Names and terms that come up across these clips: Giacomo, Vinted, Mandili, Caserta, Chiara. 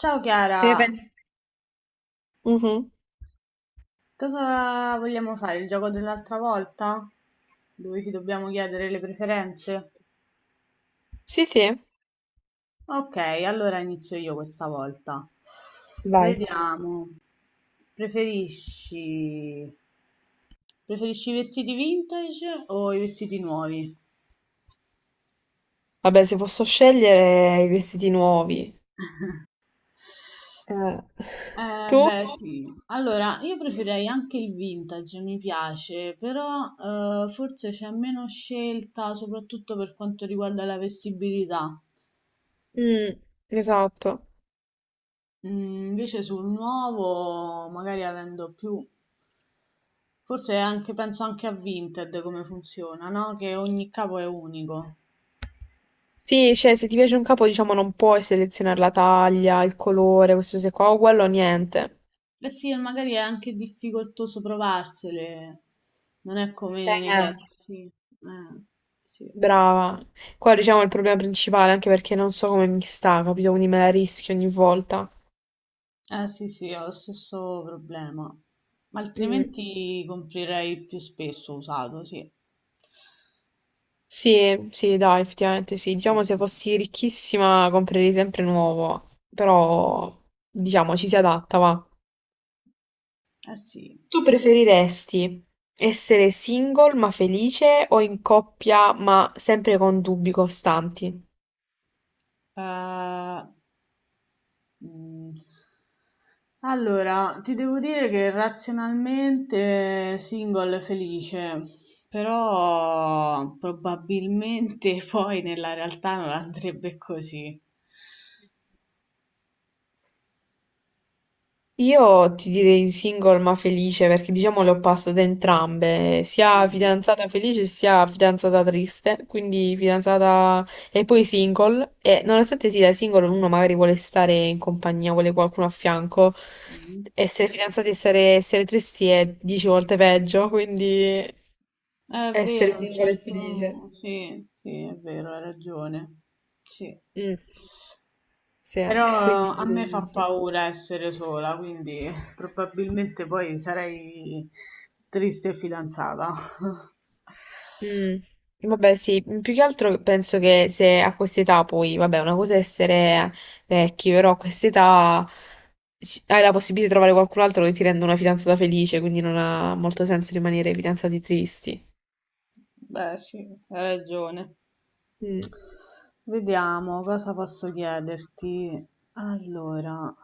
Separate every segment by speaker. Speaker 1: Ciao
Speaker 2: Te ne
Speaker 1: Chiara,
Speaker 2: pen- Mhm.
Speaker 1: cosa vogliamo fare? Il gioco dell'altra volta? Dove ci dobbiamo chiedere le preferenze?
Speaker 2: Sì, sì.
Speaker 1: Ok, allora inizio io questa volta.
Speaker 2: Va-
Speaker 1: Vediamo. Preferisci... Preferisci i vestiti vintage o i vestiti nuovi?
Speaker 2: Vabbè, se posso scegliere i vestiti nuovi. Eh, Tu?
Speaker 1: Beh, sì. Allora, io preferirei anche il vintage, mi piace, però forse c'è meno scelta, soprattutto per quanto riguarda la vestibilità.
Speaker 2: Mm, esatto.
Speaker 1: Invece sul nuovo, magari avendo più, forse anche, penso anche a Vinted come funziona, no? Che ogni capo è unico.
Speaker 2: Sì, cioè, se ti piace un capo, diciamo, non puoi selezionare la taglia, il colore, questo se qua, o quello, niente.
Speaker 1: Eh sì, e magari è anche difficoltoso provarsele, non è come nei negozi.
Speaker 2: eh,
Speaker 1: Sì. Eh, sì.
Speaker 2: Brava. Qua, diciamo, è il problema principale, anche perché non so come mi sta, capito? Quindi me la rischio ogni volta.
Speaker 1: Eh sì, sì, ho lo stesso problema. Ma
Speaker 2: Mm.
Speaker 1: altrimenti comprerei più spesso usato, sì.
Speaker 2: Sì, sì, dai, effettivamente sì. Diciamo se
Speaker 1: Mm,
Speaker 2: fossi ricchissima comprerei sempre nuovo, però diciamo ci si adatta, va.
Speaker 1: eh sì.
Speaker 2: Tu preferiresti essere single ma felice o in coppia ma sempre con dubbi costanti?
Speaker 1: Eh, mm. Allora, ti devo dire che razionalmente single è felice, però probabilmente poi nella realtà non andrebbe così.
Speaker 2: Io ti direi single ma felice perché diciamo le ho passate entrambe, sia
Speaker 1: Eh.
Speaker 2: fidanzata felice sia fidanzata triste, quindi fidanzata e poi single e nonostante sia single uno magari vuole stare in compagnia, vuole qualcuno a fianco,
Speaker 1: Mhm.
Speaker 2: essere fidanzati e essere tristi è 10 volte peggio, quindi
Speaker 1: È
Speaker 2: essere
Speaker 1: vero, un sì,
Speaker 2: single e felice.
Speaker 1: certo... Sì, sì, è vero, hai ragione. Sì. Sì.
Speaker 2: Mm, sì,
Speaker 1: Però.
Speaker 2: quindi
Speaker 1: Sì. A me
Speaker 2: direi
Speaker 1: fa
Speaker 2: sì.
Speaker 1: paura essere sola, quindi probabilmente poi sarei triste e fidanzata.
Speaker 2: Mm, vabbè, sì, più che altro penso che se a quest'età poi, vabbè, una cosa è essere vecchi, però a quest'età hai la possibilità di trovare qualcun altro che ti renda una fidanzata felice, quindi non ha molto senso rimanere fidanzati tristi.
Speaker 1: Beh, sì, hai ragione.
Speaker 2: Mm,
Speaker 1: Vediamo cosa posso chiederti. Allora,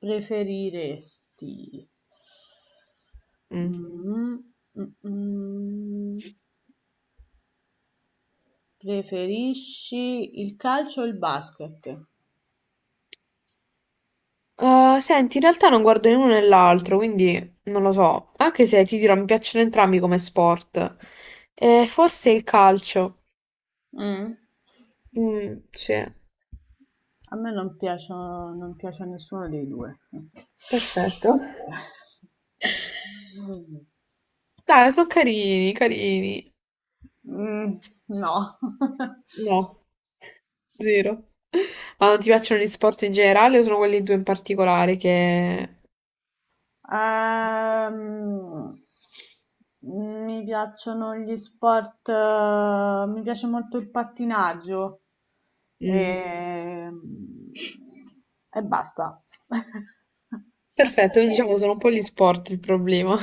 Speaker 1: preferiresti...
Speaker 2: mm.
Speaker 1: Mm, mm, mm. Preferisci il calcio o il basket?
Speaker 2: Senti, in realtà non guardo né uno né l'altro, quindi non lo so, anche se ti dirò, mi piacciono entrambi come sport. Forse il calcio.
Speaker 1: Mm.
Speaker 2: Mm, sì.
Speaker 1: A me non piacciono, non piace a nessuno dei due.
Speaker 2: Perfetto. Dai, sono carini, carini.
Speaker 1: Mm, no.
Speaker 2: No, zero. Ma non ti piacciono gli sport in generale o sono quelli due in particolare che...
Speaker 1: Ehm, Mi piacciono gli sport, mi piace molto il pattinaggio
Speaker 2: Mm.
Speaker 1: e, e basta.
Speaker 2: Perfetto, quindi diciamo sono un po' gli sport il problema.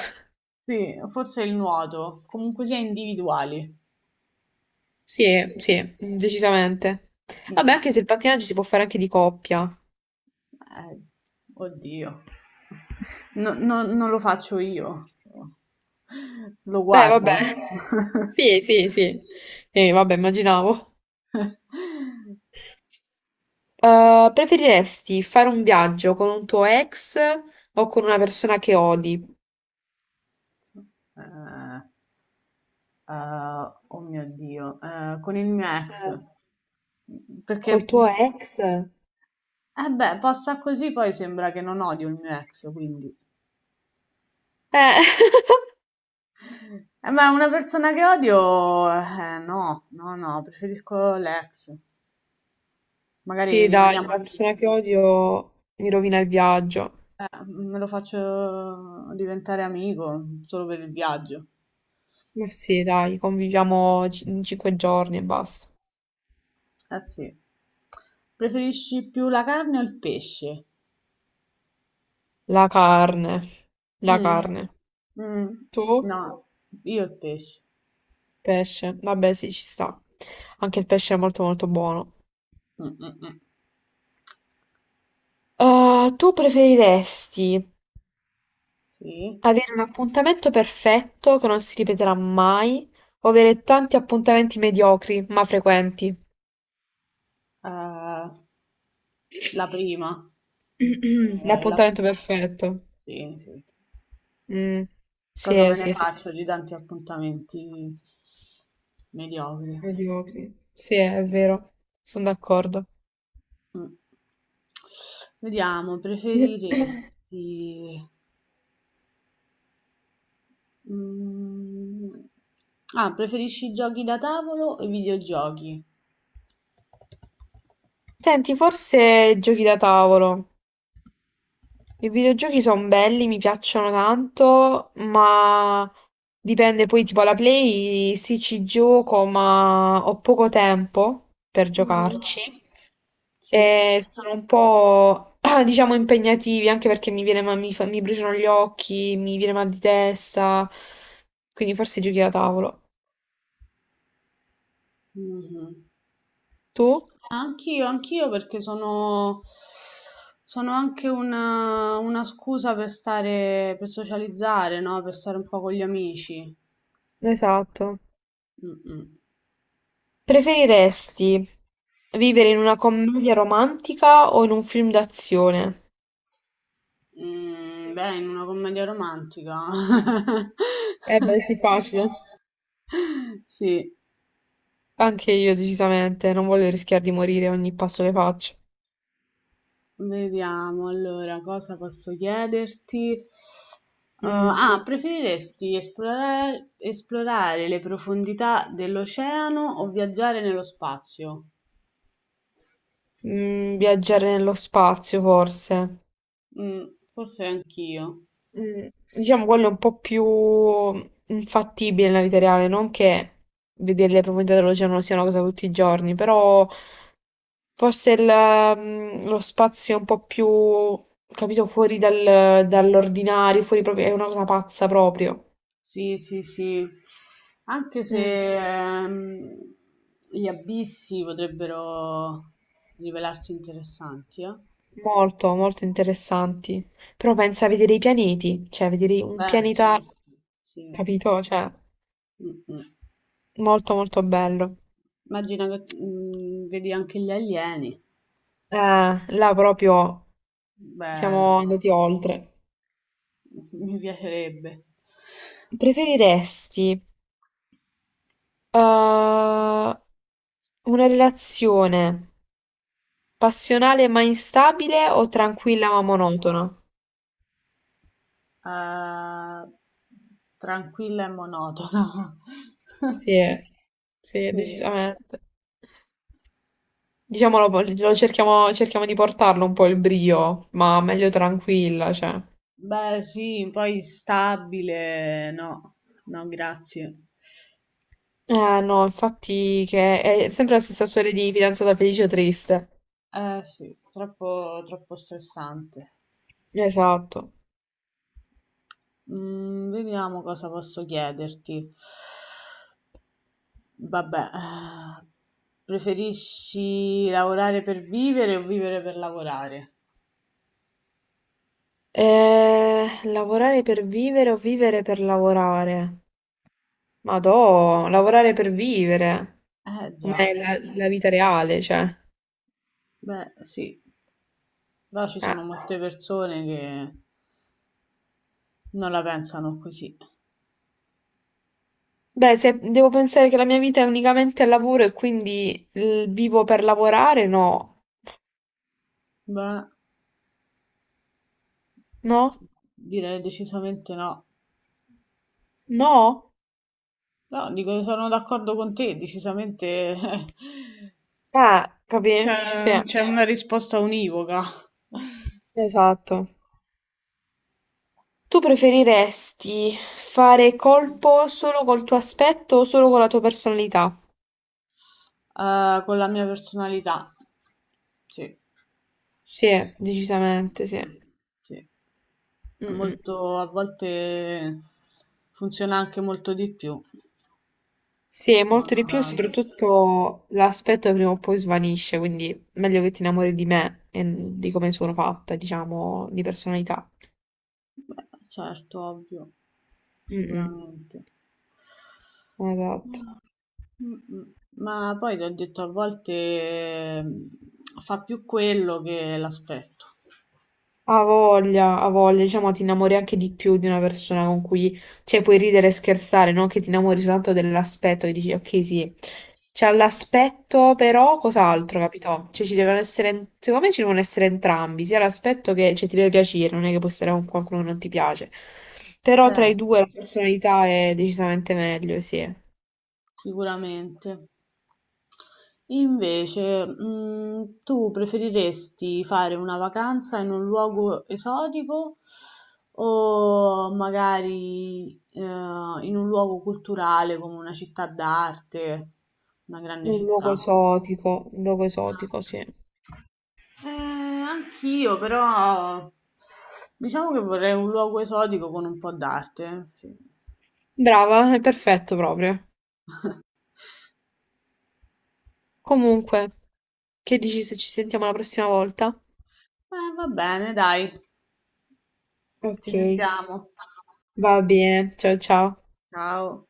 Speaker 1: Sì, forse il nuoto, comunque sia individuali.
Speaker 2: Sì, sì, decisamente. Vabbè, anche
Speaker 1: Mm,
Speaker 2: se il pattinaggio si può fare anche di coppia.
Speaker 1: eh, Oddio, non lo faccio io, lo
Speaker 2: Beh,
Speaker 1: guardo.
Speaker 2: vabbè. Sì, sì, sì. Vabbè, immaginavo. Preferiresti fare un viaggio con un tuo ex o con una persona che odi?
Speaker 1: Eh, oh mio Dio, con il mio ex,
Speaker 2: Eh, col
Speaker 1: perché,
Speaker 2: tuo ex?
Speaker 1: eh beh, posta così poi sembra che non odio il mio ex, quindi.
Speaker 2: Eh,
Speaker 1: Ma una persona che odio, no, no, no, preferisco l'ex. Magari, sì,
Speaker 2: sì, dai,
Speaker 1: rimaniamo
Speaker 2: la
Speaker 1: amici.
Speaker 2: persona che odio mi rovina il viaggio.
Speaker 1: Me lo faccio diventare amico solo per il viaggio.
Speaker 2: Ma sì, dai, conviviamo 5 giorni e basta.
Speaker 1: Eh sì. Preferisci più la carne o il pesce?
Speaker 2: La carne, la
Speaker 1: Mm, eh,
Speaker 2: carne.
Speaker 1: mm,
Speaker 2: Tu?
Speaker 1: no, no, io il pesce.
Speaker 2: Pesce. Vabbè, sì, ci sta. Anche il pesce è molto molto buono.
Speaker 1: Mm, mm, mm. Sì,
Speaker 2: Tu preferiresti
Speaker 1: sì,
Speaker 2: avere un appuntamento perfetto che non si ripeterà mai, o avere tanti appuntamenti mediocri ma frequenti.
Speaker 1: eh, la prima. eh, la-
Speaker 2: L'appuntamento perfetto.
Speaker 1: Sì, sì.
Speaker 2: Mm. Sì,
Speaker 1: Cosa me ne,
Speaker 2: sì,
Speaker 1: sì,
Speaker 2: sì.
Speaker 1: faccio di tanti appuntamenti mediocri?
Speaker 2: Mediocri. Sì, è vero. Sono d'accordo.
Speaker 1: Mh. Vediamo, mhmm, preferisci i giochi da tavolo o i videogiochi?
Speaker 2: Senti, forse giochi da tavolo. I videogiochi son belli, mi piacciono tanto, ma dipende poi tipo alla Play, sì ci gioco, ma ho poco tempo per giocarci
Speaker 1: Sì.
Speaker 2: e sono un po' diciamo impegnativi anche perché mi viene mi, mi bruciano gli occhi, mi viene mal di testa, quindi forse giochi da tavolo.
Speaker 1: Mh-mh.
Speaker 2: Tu?
Speaker 1: Anch'io, anch'io perché sono anche una scusa per stare per socializzare, no, per stare un po' con gli amici.
Speaker 2: Esatto.
Speaker 1: Mh-mh.
Speaker 2: Preferiresti vivere in una commedia romantica o in un film d'azione?
Speaker 1: Mhmm, beh, in una commedia romantica.
Speaker 2: Eh beh, sì, facile.
Speaker 1: Sì.
Speaker 2: Anche io, decisamente. Non voglio rischiare di morire ogni passo che faccio.
Speaker 1: Vediamo, allora, cosa posso chiederti? Uhm,
Speaker 2: Mm.
Speaker 1: ah, preferiresti esplorare le profondità dell'oceano o viaggiare nello spazio?
Speaker 2: Viaggiare nello spazio, forse.
Speaker 1: Mm, forse anch'io.
Speaker 2: Mm, Diciamo quello è un po' più infattibile nella vita reale, non che vedere le profondità dell'oceano sia una cosa tutti i giorni, però forse lo spazio è un po' più, capito, fuori dall'ordinario, fuori proprio, è una cosa pazza proprio.
Speaker 1: Sì, sì, sì. Anche
Speaker 2: Mm,
Speaker 1: se gli abissi potrebbero rivelarsi interessanti, eh?
Speaker 2: Molto, molto interessanti. Però pensa a vedere i pianeti, cioè vedere un
Speaker 1: Beh,
Speaker 2: pianeta,
Speaker 1: certo. Sì.
Speaker 2: capito? Cioè,
Speaker 1: Mm, mm.
Speaker 2: molto molto bello.
Speaker 1: Immagina che vedi anche gli alieni.
Speaker 2: Eh, là proprio siamo
Speaker 1: Bello.
Speaker 2: andati oltre.
Speaker 1: Mi piacerebbe.
Speaker 2: Preferiresti
Speaker 1: Mhm.
Speaker 2: una relazione passionale ma instabile o tranquilla ma monotona?
Speaker 1: Ah, tranquilla e monotona.
Speaker 2: Sì, sì,
Speaker 1: Sì, sì.
Speaker 2: decisamente. Diciamolo, lo cerchiamo, cerchiamo di portarlo un po' il brio, ma meglio tranquilla, cioè.
Speaker 1: Beh, sì, poi stabile, no, no, grazie.
Speaker 2: Eh no, infatti che è sempre la stessa storia di fidanzata felice o triste.
Speaker 1: Eh sì, troppo, troppo stressante.
Speaker 2: Esatto.
Speaker 1: Mm, vediamo cosa posso chiederti. Vabbè, preferisci lavorare per vivere o vivere per lavorare?
Speaker 2: Lavorare per vivere o vivere per lavorare? Madò, lavorare per vivere.
Speaker 1: Eh già,
Speaker 2: Com'è la vita reale, cioè.
Speaker 1: beh sì. Però ci
Speaker 2: Eh.
Speaker 1: sono molte persone che non la pensano così.
Speaker 2: Beh, se devo pensare che la mia vita è unicamente al lavoro e quindi vivo per lavorare, no.
Speaker 1: Beh,
Speaker 2: No?
Speaker 1: direi decisamente no.
Speaker 2: No?
Speaker 1: No, dico, sono d'accordo con te, decisamente
Speaker 2: Ah, capì? Sì,
Speaker 1: c'è una risposta univoca,
Speaker 2: esatto. Tu preferiresti fare colpo solo col tuo aspetto o solo con la tua personalità?
Speaker 1: con la mia personalità. Sì.
Speaker 2: Sì, decisamente, sì.
Speaker 1: Sì. È
Speaker 2: Mm, mm.
Speaker 1: molto, a volte funziona anche molto di più.
Speaker 2: Sì, è
Speaker 1: Ma
Speaker 2: molto di
Speaker 1: non
Speaker 2: più, e
Speaker 1: da-
Speaker 2: soprattutto l'aspetto prima o poi svanisce, quindi meglio che ti innamori di me e di come sono fatta, diciamo, di personalità.
Speaker 1: Beh, certo, ovvio,
Speaker 2: Mm, mm,
Speaker 1: sicuramente.
Speaker 2: esatto.
Speaker 1: Ma m- ma poi ti ho detto, a volte fa più quello che l'aspetto,
Speaker 2: Ha voglia, diciamo, ti innamori anche di più di una persona con cui, cioè, puoi ridere e scherzare, non che ti innamori soltanto dell'aspetto, e dici, ok, sì, c'ha l'aspetto, però cos'altro, capito? Cioè, ci devono essere, secondo me ci devono essere entrambi, sia l'aspetto che, cioè, ti deve piacere, non è che puoi stare con qualcuno che non ti piace, però tra i
Speaker 1: certo,
Speaker 2: due la personalità è decisamente meglio, sì.
Speaker 1: sicuramente. Invece, tu preferiresti fare una vacanza in un luogo esotico o magari in un luogo culturale come una città d'arte, una grande città?
Speaker 2: Un luogo esotico, sì.
Speaker 1: Anch'io, però diciamo che vorrei un luogo esotico con un po' d'arte. Sì.
Speaker 2: Brava, è perfetto proprio. Comunque, che dici se ci sentiamo la prossima volta?
Speaker 1: Va bene, dai, ci
Speaker 2: Ok,
Speaker 1: sentiamo.
Speaker 2: va bene. Ciao ciao.
Speaker 1: Ciao.